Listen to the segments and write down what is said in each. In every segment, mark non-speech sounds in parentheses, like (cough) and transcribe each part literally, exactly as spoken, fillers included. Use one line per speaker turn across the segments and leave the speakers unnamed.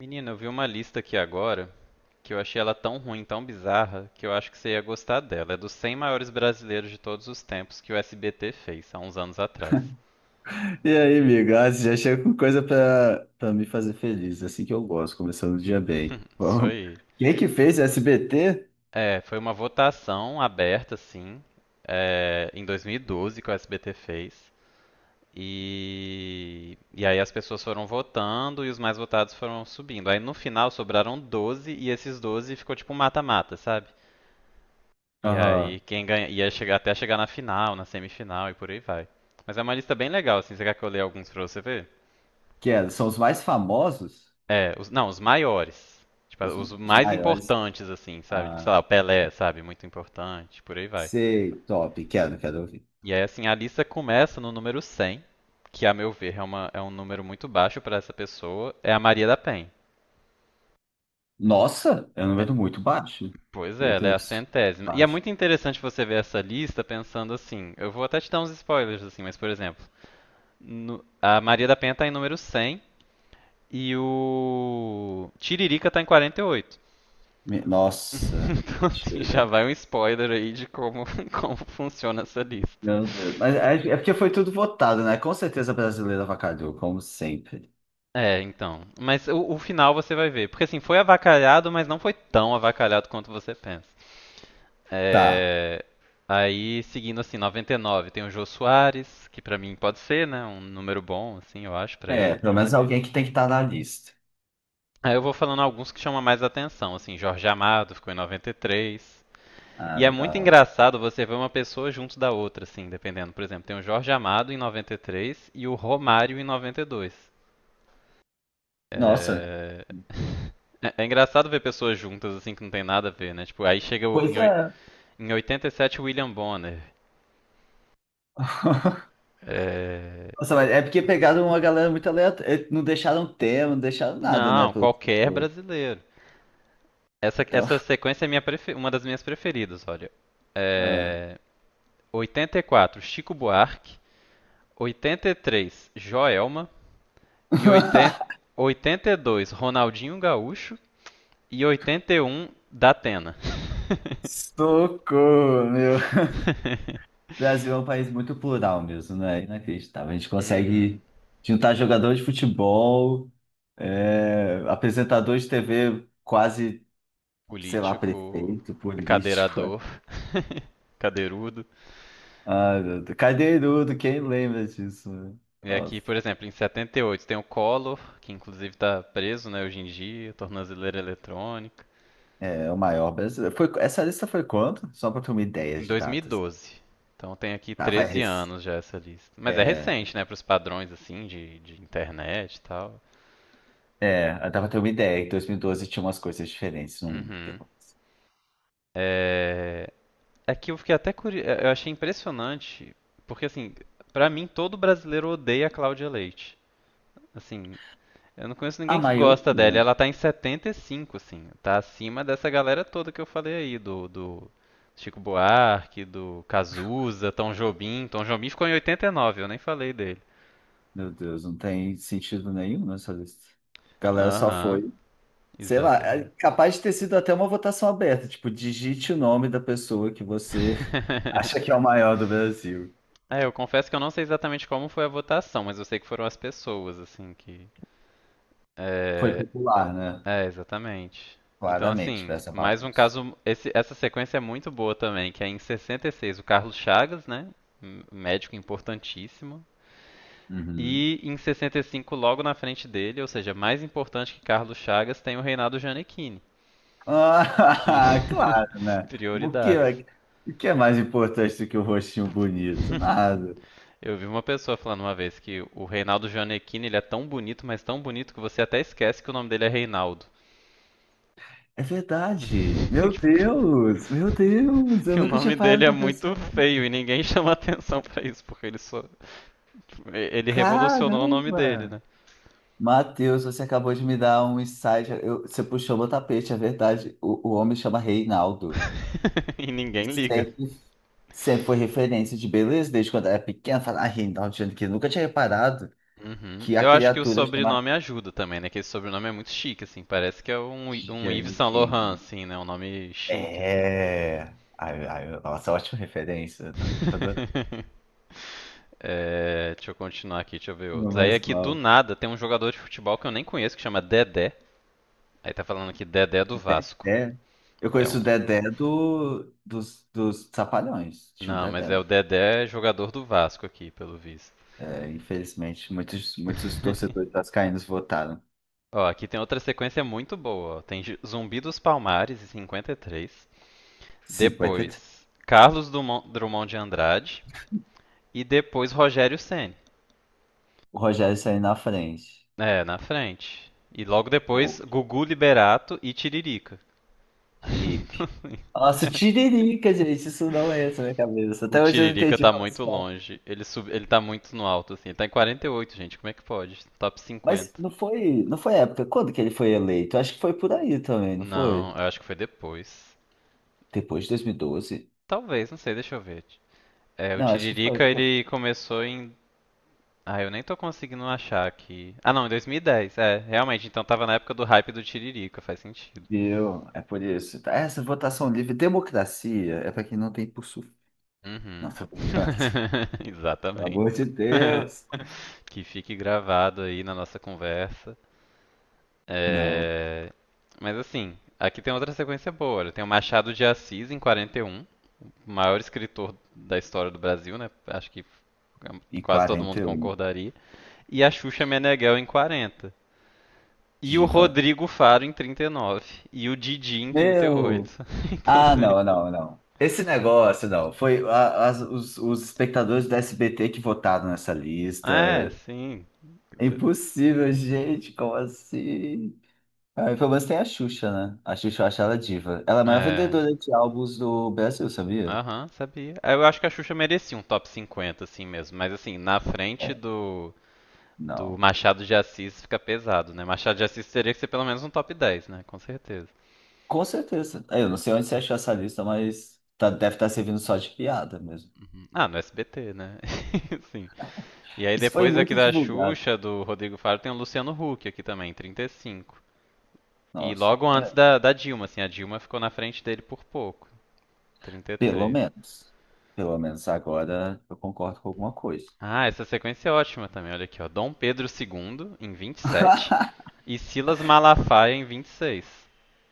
Menina, eu vi uma lista aqui agora que eu achei ela tão ruim, tão bizarra, que eu acho que você ia gostar dela. É dos cem maiores brasileiros de todos os tempos que o S B T fez, há uns anos atrás.
E aí, amigo? Ah, você já chega com coisa pra, pra me fazer feliz. Assim que eu gosto, começando o dia bem. (laughs)
(laughs) Isso
Vamos.
aí.
Quem que fez S B T?
É, foi uma votação aberta, assim, é, em dois mil e doze que o S B T fez. E, e aí as pessoas foram votando e os mais votados foram subindo. Aí no final sobraram doze e esses doze ficou tipo um mata-mata, sabe? E aí
Aham.
quem ganha ia chegar até chegar na final, na semifinal e por aí vai. Mas é uma lista bem legal, assim. Você quer que eu leia alguns pra você ver?
Que é, são os mais famosos,
É, os, não, os maiores. Tipo,
os,
os
os
mais
maiores.
importantes, assim, sabe? Tipo, sei
Ah,
lá, o Pelé, sabe? Muito importante, por aí vai.
sei, top. Quero, quero ouvir.
E aí, assim, a lista começa no número cem, que a meu ver é, uma, é um número muito baixo pra essa pessoa. É a Maria da Penha.
Nossa, é um
É,
número muito baixo.
pois
Meu
é, ela é a
Deus,
centésima. E é
baixo.
muito interessante você ver essa lista pensando assim. Eu vou até te dar uns spoilers, assim, mas, por exemplo, no- a Maria da Penha tá em número cem. E o Tiririca tá em quarenta e oito. (laughs)
Me- Nossa,
Então, assim, já
mentira.
vai um spoiler aí de como, (laughs) como funciona essa lista.
Meu Deus. Mas é, é porque foi tudo votado, né? Com certeza a brasileira avacalhou, como sempre.
É, então. Mas o, o final você vai ver. Porque, assim, foi avacalhado, mas não foi tão avacalhado quanto você pensa.
Tá.
É. Aí, seguindo, assim, noventa e nove, tem o Jô Soares, que pra mim pode ser, né? Um número bom, assim, eu acho, pra
É,
ele.
pelo menos alguém que tem que estar na lista.
Aí eu vou falando alguns que chamam mais atenção, assim, Jorge Amado ficou em noventa e três.
Ah,
E é muito
legal.
engraçado você ver uma pessoa junto da outra, assim, dependendo. Por exemplo, tem o Jorge Amado em noventa e três e três e o Romário em noventa e dois.
Nossa.
É, é- é engraçado ver pessoas juntas, assim, que não tem nada a ver, né? Tipo, aí chega o-
Pois
em,
é.
oi- em oitenta e sete o William Bonner. É,
Nossa, mas é porque pegaram uma galera muito aleatória. Não deixaram tema, não deixaram nada, né?
não,
Pelo…
qualquer brasileiro. Essa,
Então.
essa sequência é minha prefe- uma das minhas preferidas, olha.
É.
É, oitenta e quatro, Chico Buarque. oitenta e três, Joelma. E oitenta...
(laughs)
oitenta e dois, Ronaldinho Gaúcho. E oitenta e um da Atena. (laughs)
Socorro, meu. O Brasil é um país muito plural mesmo, né? Inacreditável. A gente
Uhum.
consegue juntar jogador de futebol, é, apresentador de T V, quase, sei lá,
Político,
prefeito, político.
cadeirador,
(laughs)
(laughs) cadeirudo.
Ah, meu Deus. Cadeirudo, quem lembra disso, né?
E aqui,
Nossa.
por exemplo, em setenta e oito tem o Collor, que inclusive está preso, né, hoje em dia, tornozeleira eletrônica.
É o maior brasileiro. Foi, essa lista foi quanto? Só para ter uma ideia
Em
de
dois mil e
datas.
doze. Então tem aqui
Tá, vai.
treze
res-
anos já essa lista. Mas é
É,
recente, né, para os padrões, assim, de, de internet e tal.
é, dá pra ter uma ideia. Em dois mil e doze tinha umas coisas diferentes no mundo.
Uhum. É, É que eu fiquei até curioso, eu achei impressionante, porque, assim, pra mim todo brasileiro odeia a Cláudia Leite. Assim, eu não conheço
A
ninguém que gosta dela, e
maioria,
ela tá em setenta e cinco, assim, tá acima dessa galera toda que eu falei aí, do, do Chico Buarque, do Cazuza, Tom Jobim. Tom Jobim ficou em oitenta e nove, eu nem falei dele.
meu Deus, não tem sentido nenhum nessa lista. A galera só
Aham,
foi, sei lá, é
exatamente.
capaz de ter sido até uma votação aberta. Tipo, digite o nome da pessoa que você (laughs) acha
(laughs)
que é o maior do Brasil.
É, eu confesso que eu não sei exatamente como foi a votação, mas eu sei que foram as pessoas, assim, que.
Foi
É,
popular, né?
É, exatamente. Então,
Claramente, foi
assim,
essa
mais um
bagunça.
caso. Esse- essa sequência é muito boa também, que é em sessenta e seis o Carlos Chagas, né? Um médico importantíssimo.
Uhum.
E em sessenta e cinco, logo na frente dele, ou seja, mais importante que Carlos Chagas, tem o Reinaldo Gianecchini. Que.
Ah, (laughs) claro,
(laughs)
né? O que,
Prioridades.
é, o que é mais importante do que o rostinho bonito?
(laughs)
Nada.
Eu vi uma pessoa falando uma vez que o Reinaldo Gianecchini, ele é tão bonito, mas tão bonito, que você até esquece que o nome dele é Reinaldo.
É verdade. Meu Deus,
(laughs)
meu Deus,
(laughs)
eu
E o
nunca tinha
nome dele
parado
é
pra
muito
pensar.
feio e ninguém (laughs) chama atenção pra isso, porque ele só. Tipo, ele revolucionou o nome dele,
Caramba!
né?
Matheus, você acabou de me dar um insight. Eu- você puxou meu tapete, é verdade. O, o homem chama Reinaldo.
(laughs) E ninguém liga.
Sempre, sempre foi referência de beleza, desde quando eu era pequena. Falar, ah, Reinaldo Giannichini. Nunca tinha reparado
Uhum.
que a
Eu acho que o
criatura chama
sobrenome ajuda também, né? Que esse sobrenome é muito chique, assim. Parece que é um, um Yves Saint
Giannichini.
Laurent, assim, né? Um nome chique, assim.
É. Ai, ai, nossa, ótima referência. Tá, tá adorando.
(laughs) É, deixa eu continuar aqui, deixa eu ver
Não
outros. Aí
mais
aqui do
mal.
nada tem um jogador de futebol que eu nem conheço que chama Dedé. Aí tá falando aqui Dedé do Vasco.
Dedé. Eu
É
conheço
um,
o Dedé do, dos, dos Trapalhões. Tinha um
Não, mas
Dedé.
é o Dedé jogador do Vasco aqui, pelo visto.
É, infelizmente, muitos, muitos torcedores
(laughs)
vascaínos votaram.
Ó, aqui tem outra sequência muito boa. Ó. Tem Ju- Zumbi dos Palmares, em cinquenta e três.
cinquenta e três.
Depois, Carlos Drummond de Andrade. E depois, Rogério Ceni.
O Rogério saiu na frente.
É, na frente. E logo depois,
Pô,
Gugu Liberato e Tiririca. (laughs)
hippie. Nossa, tiririca, gente, isso não é na minha cabeça.
O
Até hoje eu não
Tiririca
entendi
tá
como isso
muito
é.
longe. Ele, sub... ele tá muito no alto, assim. Ele tá em quarenta e oito, gente. Como é que pode? Top
Mas
cinquenta.
não foi, não foi época. Quando que ele foi eleito? Acho que foi por aí também, não
Não,
foi?
eu acho que foi depois.
Depois de dois mil e doze.
Talvez, não sei, deixa eu ver. É, o
Não, acho que
Tiririca
foi. foi-
ele começou em. Ah, eu nem tô conseguindo achar aqui. Ah, não, em dois mil e dez. É, realmente, então tava na época do hype do Tiririca, faz sentido.
Deu. É por isso. Tá. Essa votação livre, democracia, é para quem não tem por sul. Não,
Uhum.
tô brincando. (laughs)
(laughs)
Pelo
Exatamente.
amor de
(laughs)
Deus.
Que fique gravado aí na nossa conversa.
Não.
É. Mas, assim, aqui tem outra sequência boa. Olha, tem o Machado de Assis em quarenta e um, o maior escritor da história do Brasil, né? Acho que
E
quase todo
quarenta
mundo
e um,
concordaria. E a Xuxa Meneghel em quarenta. E o
diva.
Rodrigo Faro em trinta e nove. E nove. E o Didi em trinta e oito.
Meu!
(laughs) Então,
Ah,
assim.
não, não, não. Esse negócio, não. Foi a- as- os, os espectadores do S B T que votaram nessa
É,
lista.
sim.
É impossível, gente. Como assim? Ah, pelo menos tem a Xuxa, né? A Xuxa eu acho ela diva. Ela é a maior
É.
vendedora de álbuns do Brasil, sabia?
Aham, uhum, sabia. Eu acho que a Xuxa merecia um top cinquenta, assim mesmo. Mas, assim, na
É,
frente do, do,
não.
Machado de Assis fica pesado, né? Machado de Assis teria que ser pelo menos um top dez, né? Com certeza.
Com certeza. É, eu não sei onde você achou essa lista, mas tá- deve estar servindo só de piada mesmo.
Uhum. Ah, no S B T, né? (laughs) Sim. E aí
Isso foi
depois aqui
muito
da
divulgado.
Xuxa, do Rodrigo Faro, tem o Luciano Huck aqui também, trinta e cinco. E cinco. E
Nossa.
logo antes
É,
da, da Dilma, assim, a Dilma ficou na frente dele por pouco. trinta e
pelo
três
menos. Pelo menos agora eu concordo com alguma coisa.
Ah, essa sequência é ótima também. Olha aqui, ó. Dom Pedro dois em vinte e sete
(laughs)
e Silas Malafaia em vinte e seis.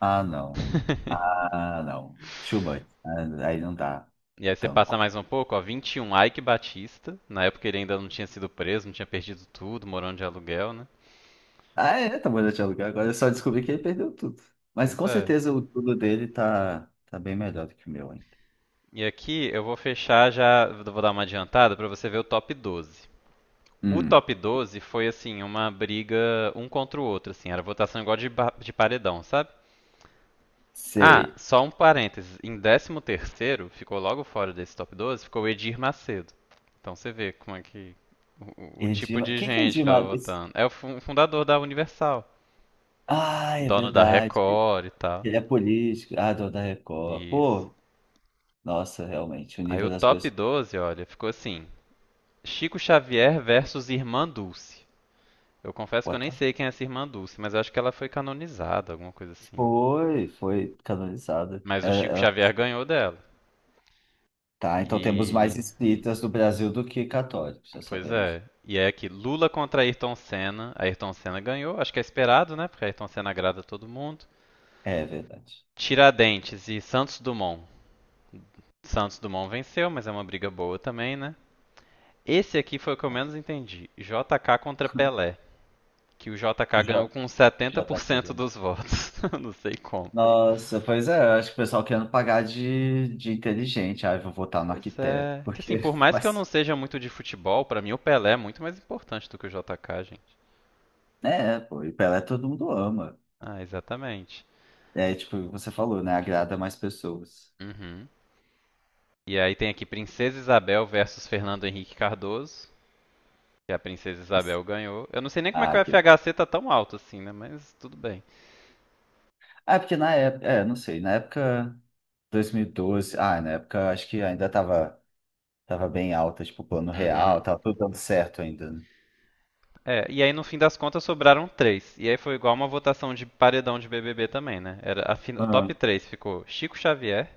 Ah, não.
(laughs)
Ah, não. Schubert. Ah, aí não dá.
E aí você passa
Tanco.
mais um pouco, ó, vinte e um, Ike Batista. Na época ele ainda não tinha sido preso, não tinha perdido tudo, morando de aluguel, né?
Ah, é, tá bom, já tinha lugar. Agora eu só descobri que ele perdeu tudo. Mas
Pois
com
é.
certeza o tudo dele tá, tá bem melhor do que o meu ainda.
E aqui eu vou fechar já, vou dar uma adiantada para você ver o top doze. O
Hum,
top doze foi assim, uma briga um contra o outro, assim, era votação igual de, de paredão, sabe? Ah,
sei.
só um parênteses. Em décimo terceiro, ficou logo fora desse top doze, ficou o Edir Macedo. Então você vê como é que... O, o tipo
Edilmar. O
de
que que é
gente que tava
Edilmar?
votando. É o fu- fundador da Universal.
Ah, é
Dono da
verdade.
Record e tal.
Ele é político. Ah, do da Record.
Isso.
Pô, nossa, realmente, o
Aí
nível
o
das
top
pessoas.
doze, olha, ficou assim. Chico Xavier versus Irmã Dulce. Eu confesso que eu
What
nem
the-
sei quem é essa Irmã Dulce, mas eu acho que ela foi canonizada, alguma coisa assim.
Foi, foi canonizada.
Mas
É,
o Chico
é-
Xavier ganhou dela.
tá, então temos mais
E
espíritas no Brasil do que católicos, já
Pois é.
sabemos.
E é aqui, Lula contra Ayrton Senna. Ayrton Senna ganhou, acho que é esperado, né? Porque Ayrton Senna agrada todo mundo.
É verdade.
Tiradentes e Santos Dumont. Santos Dumont venceu, mas é uma briga boa também, né? Esse aqui foi o que eu menos entendi. J K contra
(laughs)
Pelé. Que o J K
Já,
ganhou com
já tá
setenta por cento
cagando.
dos votos. (laughs) Não sei como.
Nossa, pois é, eu acho que o pessoal querendo pagar de, de inteligente. Ah, eu vou votar no
Pois
arquiteto,
é. Que, assim,
porque.
por
(laughs)
mais que eu não
Mas,
seja muito de futebol, pra mim o Pelé é muito mais importante do que o J K, gente.
é, pô, e Pelé todo mundo ama.
Ah, exatamente.
É, tipo, você falou, né? Agrada mais pessoas.
Uhum. E aí tem aqui Princesa Isabel versus Fernando Henrique Cardoso, que a Princesa Isabel ganhou. Eu não sei nem como é que o
Ah, que
F H C tá tão alto assim, né? Mas tudo bem.
é porque na época, é, não sei, na época dois mil e doze, ah, na época acho que ainda tava, tava bem alta, tipo, o plano real,
Uhum.
tava tudo dando certo ainda, né?
É, e aí no fim das contas sobraram três. E aí foi igual uma votação de paredão de B B B também, né? Era a fin- o
Ah,
top três ficou Chico Xavier,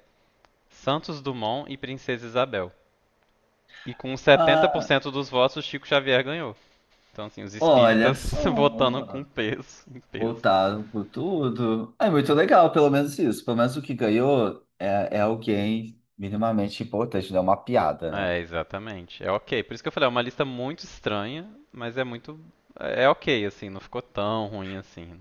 Santos Dumont e Princesa Isabel. E com
ah,
setenta por cento dos votos, Chico Xavier ganhou. Então, assim, os
olha
espíritas
só,
(laughs) votando com peso, em peso.
voltaram com tudo. É muito legal, pelo menos isso. Pelo menos o que ganhou é, é alguém minimamente importante, não é uma piada, né?
É, exatamente. É ok. Por isso que eu falei, é uma lista muito estranha, mas é muito. É ok, assim, não ficou tão ruim assim.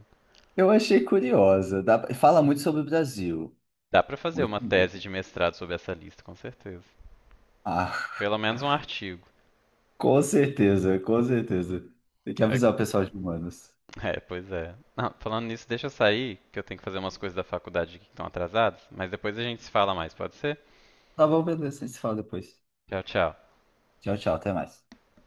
Eu achei curiosa. dá- Fala muito sobre o Brasil.
Dá pra fazer
Muito
uma tese
mesmo.
de mestrado sobre essa lista, com certeza.
Ah,
Pelo menos um artigo.
(laughs) com certeza, com certeza. Tem que
É,
avisar o pessoal de humanos.
é, pois é. Não, falando nisso, deixa eu sair, que eu tenho que fazer umas coisas da faculdade aqui que estão atrasadas, mas depois a gente se fala mais, pode ser?
Tá bom, beleza. A gente se fala depois.
Tchau, tchau.
Tchau, tchau. Até mais.